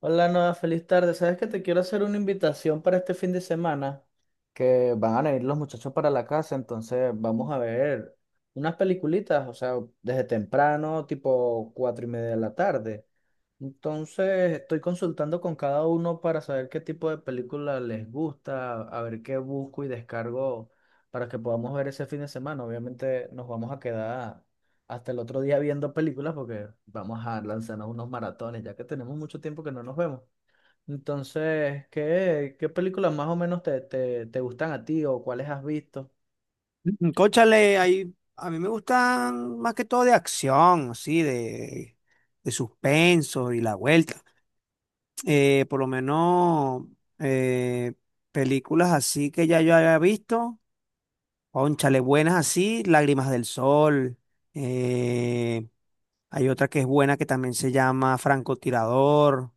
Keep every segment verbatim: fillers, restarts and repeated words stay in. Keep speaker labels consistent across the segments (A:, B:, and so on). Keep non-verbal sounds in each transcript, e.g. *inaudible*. A: Hola, Noa, feliz tarde. Sabes que te quiero hacer una invitación para este fin de semana, que van a venir los muchachos para la casa, entonces vamos a ver unas peliculitas, o sea, desde temprano, tipo cuatro y media de la tarde. Entonces, estoy consultando con cada uno para saber qué tipo de película les gusta, a ver qué busco y descargo para que podamos ver ese fin de semana. Obviamente nos vamos a quedar hasta el otro día viendo películas porque vamos a lanzarnos unos maratones, ya que tenemos mucho tiempo que no nos vemos. Entonces, ¿qué, qué películas más o menos te, te, te gustan a ti o cuáles has visto?
B: Mm, Cónchale, ahí, a mí me gustan más que todo de acción, así, de, de suspenso y la vuelta. Eh, por lo menos eh, películas así que ya yo había visto, cónchale, buenas así, Lágrimas del Sol. eh, Hay otra que es buena que también se llama Francotirador.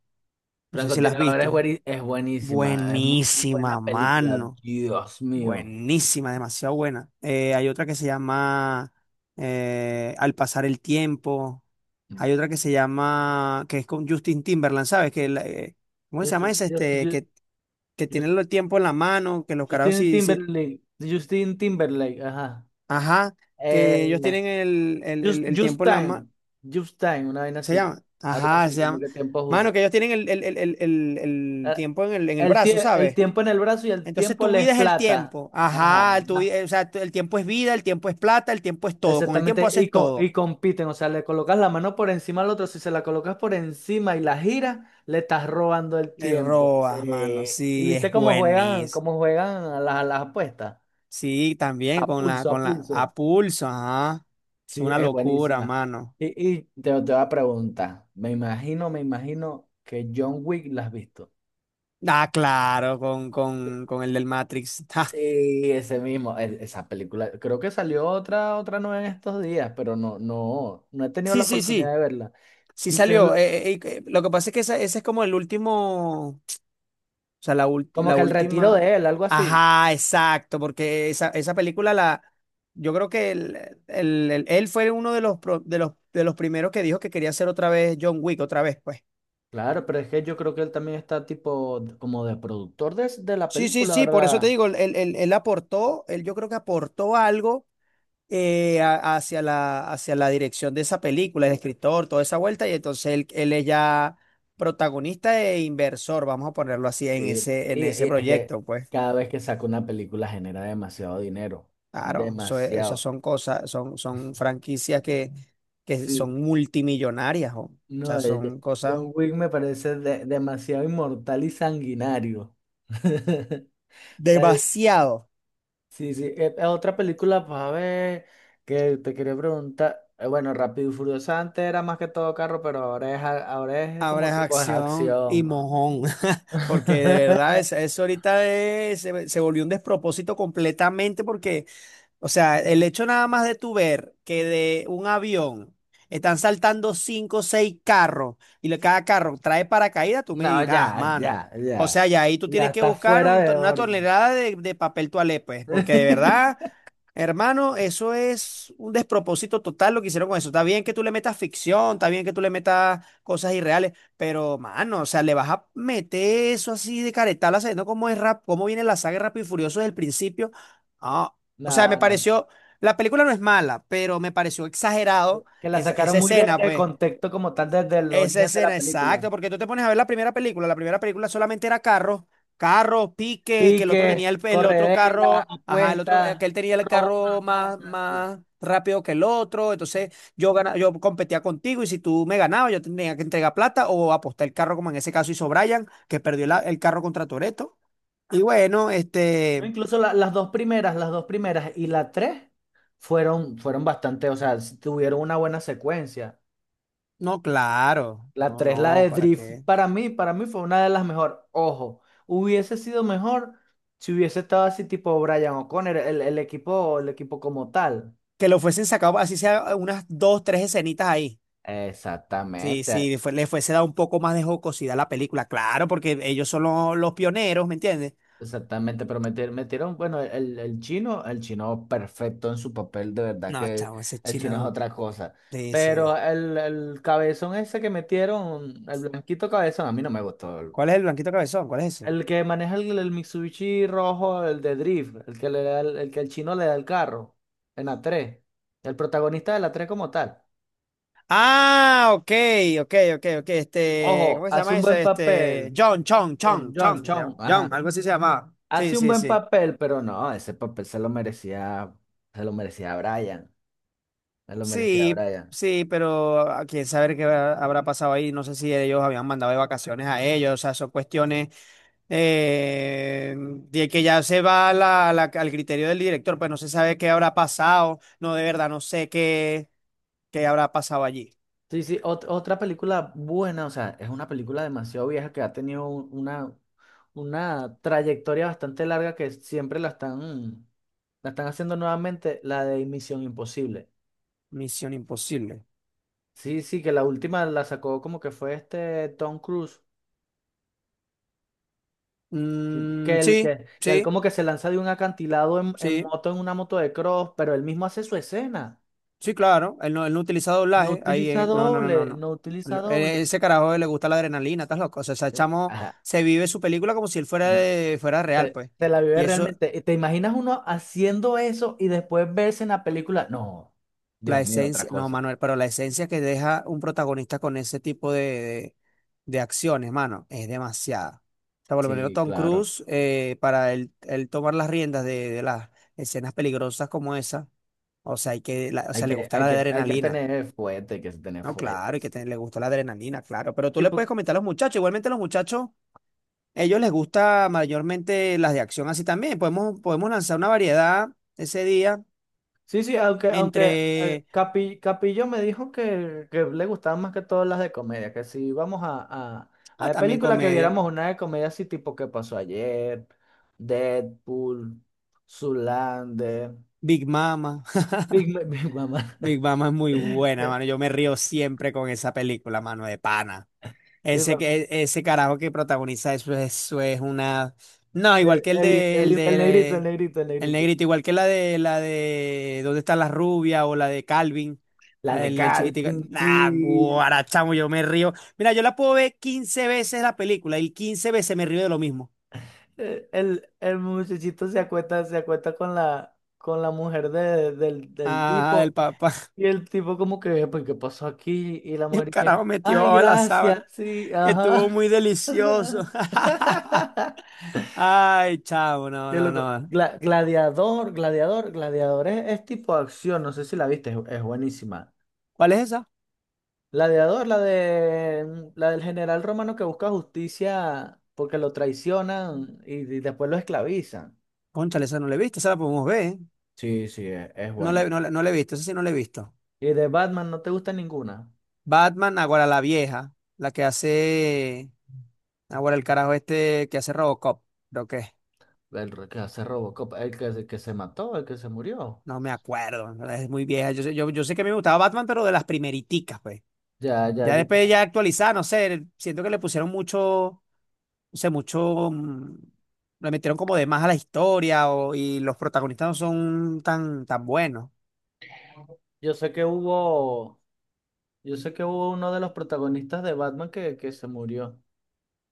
B: No sé si la has
A: Francotirador es,
B: visto.
A: bueni- es buenísima, es muy buena
B: Buenísima,
A: película,
B: mano.
A: Dios mío.
B: Buenísima, demasiado buena. Eh, hay otra que se llama eh, Al pasar el tiempo. Hay otra que se llama, que es con Justin Timberland, ¿sabes? Que, la- eh, ¿cómo
A: Yo,
B: se llama
A: estoy-
B: esa?
A: yo,
B: Este,
A: yo-
B: que, que,
A: yo
B: tienen el tiempo en la mano, que los carajos
A: Justin
B: sí, sí,
A: Timberlake. Justin Timberlake, ajá.
B: ajá,
A: Eh,
B: que ellos tienen el, el,
A: Just,
B: el- el
A: Just
B: tiempo en la mano.
A: Time. Just Time, una vaina
B: ¿Se
A: así.
B: llama?
A: Algo
B: Ajá,
A: así,
B: se
A: como
B: llama.
A: que tiempo justo.
B: Mano, que ellos tienen el, el- el- el- el- el
A: Eh,
B: tiempo en el, en el
A: El,
B: brazo,
A: tie- el
B: ¿sabes?
A: tiempo en el brazo y el
B: Entonces
A: tiempo
B: tu
A: le es
B: vida es el
A: plata.
B: tiempo.
A: Ajá,
B: Ajá, tu, vi-
A: ajá.
B: eh, o sea, tu- el tiempo es vida, el tiempo es plata, el tiempo es todo. Con el tiempo
A: Exactamente. Y,
B: haces
A: co- y
B: todo.
A: compiten. O sea, le colocas la mano por encima al otro. Si se la colocas por encima y la giras, le estás robando el
B: Le
A: tiempo. Sí.
B: robas, mano.
A: Y
B: Sí, es
A: viste cómo juegan,
B: buenísimo.
A: cómo juegan a las, a las apuestas.
B: Sí, también
A: A
B: con la,
A: pulso, a
B: con la,
A: pulso.
B: a pulso, ajá. Es
A: Sí,
B: una
A: es
B: locura,
A: buenísima.
B: mano.
A: Y, y te, te voy a preguntar, me imagino, me imagino que John Wick la has visto.
B: Ah, claro, con, con, con el del Matrix. *laughs* Ja.
A: Sí, ese mismo, e- esa película. Creo que salió otra, otra nueva en estos días, pero no, no, no he tenido
B: Sí,
A: la
B: sí, sí.
A: oportunidad de verla.
B: Sí
A: Quizás el-
B: salió. Eh, eh, eh, lo que pasa es que esa- ese es como el último. O sea, la ulti-
A: Como
B: la
A: que el retiro
B: última.
A: de él, algo así.
B: Ajá, exacto, porque esa, esa película la. Yo creo que el- el- el- él fue uno de los, pro- de los, de los primeros que dijo que quería hacer otra vez John Wick, otra vez, pues.
A: Claro, pero es que yo creo que él también está tipo d- como de productor de, s- de la
B: Sí, sí,
A: película,
B: sí, por eso te
A: ¿verdad?
B: digo, él, él- él- él aportó, él yo creo que aportó algo eh, a- hacia la, hacia la, dirección de esa película, el escritor, toda esa vuelta, y entonces él, él es ya protagonista e inversor, vamos a ponerlo así, en
A: Sí,
B: ese,
A: y,
B: en
A: y
B: ese
A: es que
B: proyecto, pues.
A: cada vez que saca una película genera demasiado dinero,
B: Claro, eso es- esas
A: demasiado.
B: son cosas, son, son franquicias que, que
A: Sí.
B: son multimillonarias, jo. O sea,
A: No, eh, yo-
B: son cosas
A: John Wick me parece de- demasiado inmortal y sanguinario. *laughs* O sea,
B: demasiado.
A: sí, sí. Eh, eh, otra película, pues a ver, que te quería preguntar. eh, bueno, Rápido y Furioso antes era más que todo carro, pero ahora es, a- ahora es
B: Ahora
A: como
B: es
A: tipo de
B: acción y
A: acción, ¿no?
B: mojón, *laughs* porque de
A: *laughs*
B: verdad es- eso ahorita es- se, se volvió un despropósito completamente porque o sea, el hecho nada más de tú ver que de un avión están saltando cinco o seis carros y le- cada carro trae paracaídas, tú me
A: No,
B: dirás,
A: ya,
B: mano.
A: ya,
B: O
A: ya.
B: sea, ya ahí tú
A: Ya
B: tienes que
A: está
B: buscar
A: fuera
B: un to-
A: de
B: una
A: orden.
B: tonelada de, de papel toalé, pues, porque de verdad,
A: *laughs*
B: hermano, eso es un despropósito total lo que hicieron con eso. Está bien que tú le metas ficción, está bien que tú le metas cosas irreales, pero, mano, o sea, le vas a meter eso así de caretala, sabiendo cómo es rap, cómo viene la saga de Rápido y Furioso desde el principio. Ah, o sea, me
A: No, no.
B: pareció, la película no es mala, pero me pareció exagerado
A: Que la
B: esa,
A: sacaron
B: esa
A: muy de,
B: escena,
A: de
B: pues.
A: contexto como tal desde el
B: Esa
A: origen de la
B: escena,
A: película.
B: exacto, porque tú te pones a ver la primera película, la primera película solamente era carros, carros, piques, que el otro
A: Pique,
B: tenía el, el otro
A: corredera,
B: carro, ajá, el otro, eh,
A: apuestas,
B: que él tenía el
A: robo
B: carro
A: una
B: más,
A: cosa, sí,
B: más rápido que el otro, entonces yo gana- yo competía contigo y si tú me ganabas, yo tenía que entregar plata o apostar el carro, como en ese caso hizo Brian, que perdió la-
A: sí.
B: el carro contra Toretto. Y bueno,
A: No,
B: este,
A: incluso la- las dos primeras, las dos primeras y la tres fueron, fueron bastante, o sea, s- tuvieron una buena secuencia.
B: no, claro,
A: La
B: no,
A: tres, la
B: no,
A: de
B: ¿para
A: Drift,
B: qué?
A: para mí, para mí fue una de las mejores. Ojo, hubiese sido mejor si hubiese estado así tipo Brian O'Connor, el, el equipo, el equipo como tal.
B: Que lo fuesen sacado, así sea unas dos, tres escenitas ahí. Si,
A: Exactamente.
B: si fue- le fuese dado un poco más de jocosidad a la película, claro, porque ellos son lo- los, pioneros, ¿me entiendes?
A: Exactamente, pero meter- metieron, bueno, el, el chino, el chino perfecto en su papel, de verdad
B: No,
A: que
B: chavo, ese
A: el chino es
B: chino
A: otra cosa. Pero
B: dice.
A: el, el cabezón ese que metieron, el blanquito cabezón, a mí no me gustó.
B: ¿Cuál es el blanquito cabezón? ¿Cuál es eso?
A: El que maneja el, el Mitsubishi rojo, el de Drift, el que le da el, el que el chino le da el carro, en la tres el protagonista de la tres como tal.
B: Ah, ok, ok, ok, ok. Este,
A: Ojo,
B: ¿cómo se
A: hace
B: llama
A: un buen
B: ese? Este,
A: papel,
B: John, Chong,
A: John,
B: Chong,
A: John,
B: Chong, se
A: Chong,
B: llama. John,
A: ajá.
B: algo así se llamaba. Sí,
A: Hace un
B: sí,
A: buen
B: sí.
A: papel, pero no, ese papel se lo merecía, se lo merecía Brian. Me lo merecía
B: Sí,
A: Brian.
B: sí, pero a quién saber qué habrá habrá pasado ahí. No sé si ellos habían mandado de vacaciones a ellos. O sea, son cuestiones eh, de que ya se va a la- la- al criterio del director. Pues no se sabe qué habrá pasado. No, de verdad, no sé qué, qué, habrá pasado allí.
A: Sí, sí, ot- otra película buena, o sea, es una película demasiado vieja que ha tenido un- una, una trayectoria bastante larga que siempre la están, la están haciendo nuevamente, la de Misión Imposible.
B: Misión Imposible.
A: Sí, sí, que la última la sacó como que fue este Tom Cruise, que
B: Mm,
A: que él,
B: sí,
A: que, que él
B: sí,
A: como que se lanza de un acantilado en, en
B: sí.
A: moto, en una moto de cross, pero él mismo hace su escena.
B: Sí, claro, él no, él no utiliza
A: No
B: doblaje, ahí,
A: utiliza
B: eh, no, no, no, no,
A: doble,
B: no.
A: no utiliza
B: Lo- eh,
A: doble.
B: Ese carajo le gusta la adrenalina, estás loco. O sea, ese chamo
A: Ajá.
B: se vive su película como si él fuera,
A: No.
B: de- fuera real,
A: Se,
B: pues.
A: se la vive
B: Y eso,
A: realmente. ¿Y te imaginas uno haciendo eso y después verse en la película? No,
B: la
A: Dios mío, otra
B: esencia, no,
A: cosa.
B: Manuel, pero la esencia que deja un protagonista con ese tipo de, de, de, acciones, mano, es demasiada. O sea, por lo menos
A: Sí,
B: Tom
A: claro.
B: Cruise, eh, para él, él tomar las riendas de, de las escenas peligrosas como esa, o sea, hay que, la- o
A: Hay
B: sea, le
A: que,
B: gusta
A: hay
B: la
A: que, hay que
B: adrenalina.
A: tener fuerte, hay que tener
B: No,
A: fuerte,
B: claro, y que te-
A: sí.
B: le gustó la adrenalina, claro. Pero tú
A: Y
B: le
A: pu-
B: puedes comentar a los muchachos. Igualmente a los muchachos, ellos les gusta mayormente las de acción así también. Podemos, podemos lanzar una variedad ese día
A: sí, sí, aunque, aunque eh,
B: entre,
A: Capi- Capillo me dijo que, que le gustaban más que todas las de comedia, que si íbamos a, a, a
B: ah,
A: la
B: también
A: película que
B: comedia.
A: viéramos una de comedia así tipo ¿Qué pasó ayer? Deadpool, Zoolander,
B: Big Mama. *laughs*
A: Big, *laughs* Ma- Big Mama.
B: Big Mama es muy buena, mano. Yo me río siempre con esa película, mano, de pana. Ese,
A: *laughs*
B: que- e, ese carajo que protagoniza eso, eso es una. No,
A: Eddie,
B: igual que el
A: Eddie,
B: de, el
A: Eddie, el negrito, el
B: de
A: negrito, el
B: el
A: negrito.
B: negrito, igual que la de la de ¿Dónde está la rubia? O la de Calvin,
A: La
B: la
A: de
B: del el
A: Cal,
B: chiquitico. Nah,
A: pinche.
B: guarachamo, yo me río. Mira, yo la puedo ver quince veces la película y quince veces me río de lo mismo.
A: Eh, El, el muchachito se acuesta, se acuesta con la, con la mujer de- del, del
B: Ah, del
A: tipo.
B: papá. *laughs*
A: Y el tipo como que, pues, ¿qué pasó aquí? Y la
B: El
A: mujer que,
B: carajo metió
A: ay,
B: abajo de la
A: gracias,
B: sábana,
A: sí,
B: que estuvo
A: ajá.
B: muy delicioso.
A: *laughs*
B: *laughs* Ay, chavo, no,
A: Qué
B: no,
A: loco.
B: no.
A: Gla- gladiador, gladiador, gladiador es, es tipo acción, no sé si la viste, es, es buenísima.
B: ¿Cuál es esa?
A: Gladiador, la de la del general romano que busca justicia porque lo traicionan y, y después lo esclavizan.
B: Cónchale, esa no la he visto, esa la podemos ver, ¿eh?
A: Sí, sí, es, es
B: No le,
A: buena.
B: no, le- no le he visto, eso sí no le he visto.
A: Y de Batman no te gusta ninguna.
B: Batman, ahora la vieja, la que hace, ahora el carajo este que hace Robocop, creo que es.
A: El re- que hace Robocop, el que, se- que se mató, el que se murió.
B: No me acuerdo, en verdad, es muy vieja. Yo, sé- yo, yo sé que a mí me gustaba Batman, pero de las primeriticas, pues.
A: Ya, ya,
B: Ya
A: yo,
B: después ya actualizada, no sé, siento que le pusieron mucho, no sé, mucho, mm, le metieron como de más a la historia o- y los protagonistas no son tan, tan buenos.
A: yo sé que hubo, yo sé que hubo uno de los protagonistas de Batman que, que se murió.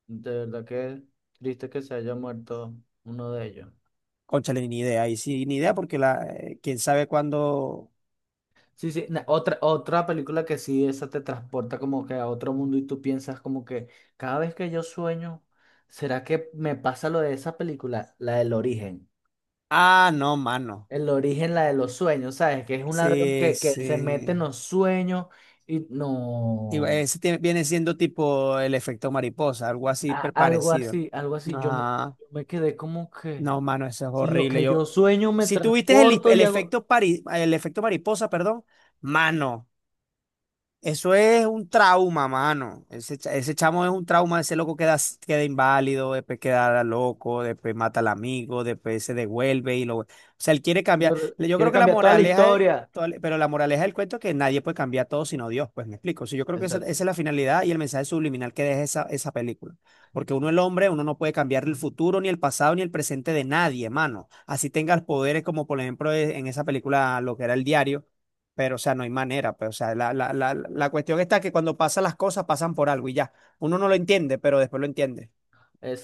A: De verdad que triste que se haya muerto uno de ellos.
B: Cónchale, ni idea, y sí, ni idea porque la, eh, quién sabe cuándo.
A: Sí, sí, na- otra, otra película que sí, esa te transporta como que a otro mundo y tú piensas como que cada vez que yo sueño, ¿será que me pasa lo de esa película? La del origen.
B: Ah, no, mano.
A: El origen, la de los sueños, ¿sabes? Que es un ladrón
B: Sí,
A: que, que se mete en
B: sí.
A: los sueños y
B: Digo,
A: no,
B: Ese tie- viene siendo tipo el efecto mariposa, algo así
A: a-
B: per-
A: algo
B: parecido.
A: así, algo así. Yo me,
B: Ah,
A: yo me quedé como que,
B: no, mano, eso es
A: si lo
B: horrible.
A: que yo
B: Yo,
A: sueño me
B: si tuviste el,
A: transporto
B: el
A: y hago,
B: efecto pari- el efecto mariposa, perdón, mano. Eso es un trauma, mano. Ese, cha- ese chamo es un trauma, ese loco queda, s- queda inválido, después queda loco, después mata al amigo, después se devuelve y lo... O sea, él quiere cambiar. Le- Yo
A: quiere
B: creo que la
A: cambiar toda la
B: moraleja es...
A: historia.
B: toda la- Pero la moraleja del cuento es que nadie puede cambiar todo sino Dios, pues me explico. O sea, yo creo que esa, esa es
A: Exacto,
B: la finalidad y el mensaje subliminal que deja esa, esa película. Porque uno, el hombre, uno no puede cambiar el futuro, ni el pasado, ni el presente de nadie, mano. Así tengas poderes como, por ejemplo, e- en esa película, lo que era el diario pero, o sea, no hay manera. Pero, o sea, la, la, la, la cuestión está que cuando pasan las cosas, pasan por algo y ya. Uno no lo entiende, pero después lo entiende.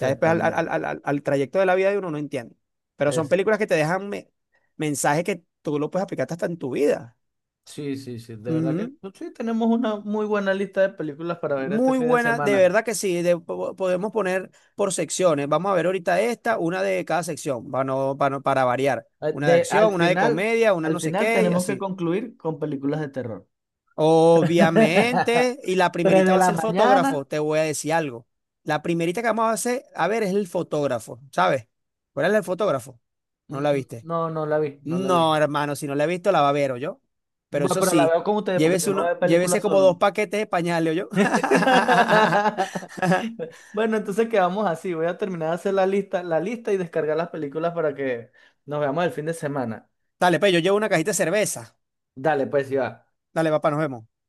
B: Ya después al, al, al, al- al trayecto de la vida de uno no entiende. Pero son películas que te dejan me- mensajes que tú lo puedes aplicar hasta en tu vida.
A: Sí, sí, sí, de verdad que
B: Ujú.
A: pues, sí, tenemos una muy buena lista de películas para ver este
B: Muy
A: fin de
B: buena, de
A: semana.
B: verdad que sí. De- po- podemos poner por secciones. Vamos a ver ahorita esta, una de cada sección, para, no- para, no- para variar.
A: Eh,
B: Una de
A: De,
B: acción,
A: al
B: una de
A: final,
B: comedia, una
A: al
B: no sé
A: final
B: qué y
A: tenemos que
B: así.
A: concluir con películas de terror. *laughs*
B: Obviamente, y la
A: Tres
B: primerita
A: de
B: va a
A: la
B: ser el
A: mañana,
B: fotógrafo, te voy a decir algo. La primerita que vamos a hacer, a ver, es el fotógrafo, ¿sabes? ¿Cuál es el fotógrafo? ¿No
A: mm,
B: la
A: mm,
B: viste?
A: no, no la vi, no la vi.
B: No, hermano, si no la he visto, la va a ver, yo. Pero
A: Bueno,
B: eso
A: pero la
B: sí,
A: veo con ustedes porque yo
B: llévese
A: no
B: uno,
A: veo
B: llévese
A: películas
B: como dos
A: solo.
B: paquetes de pañales, yo. *laughs*
A: *laughs* Bueno, entonces quedamos así. Voy a terminar de hacer la lista, la lista y descargar las películas para que nos veamos el fin de semana.
B: Dale, pues yo llevo una cajita de cerveza.
A: Dale, pues, ya.
B: Dale, papá, nos vemos.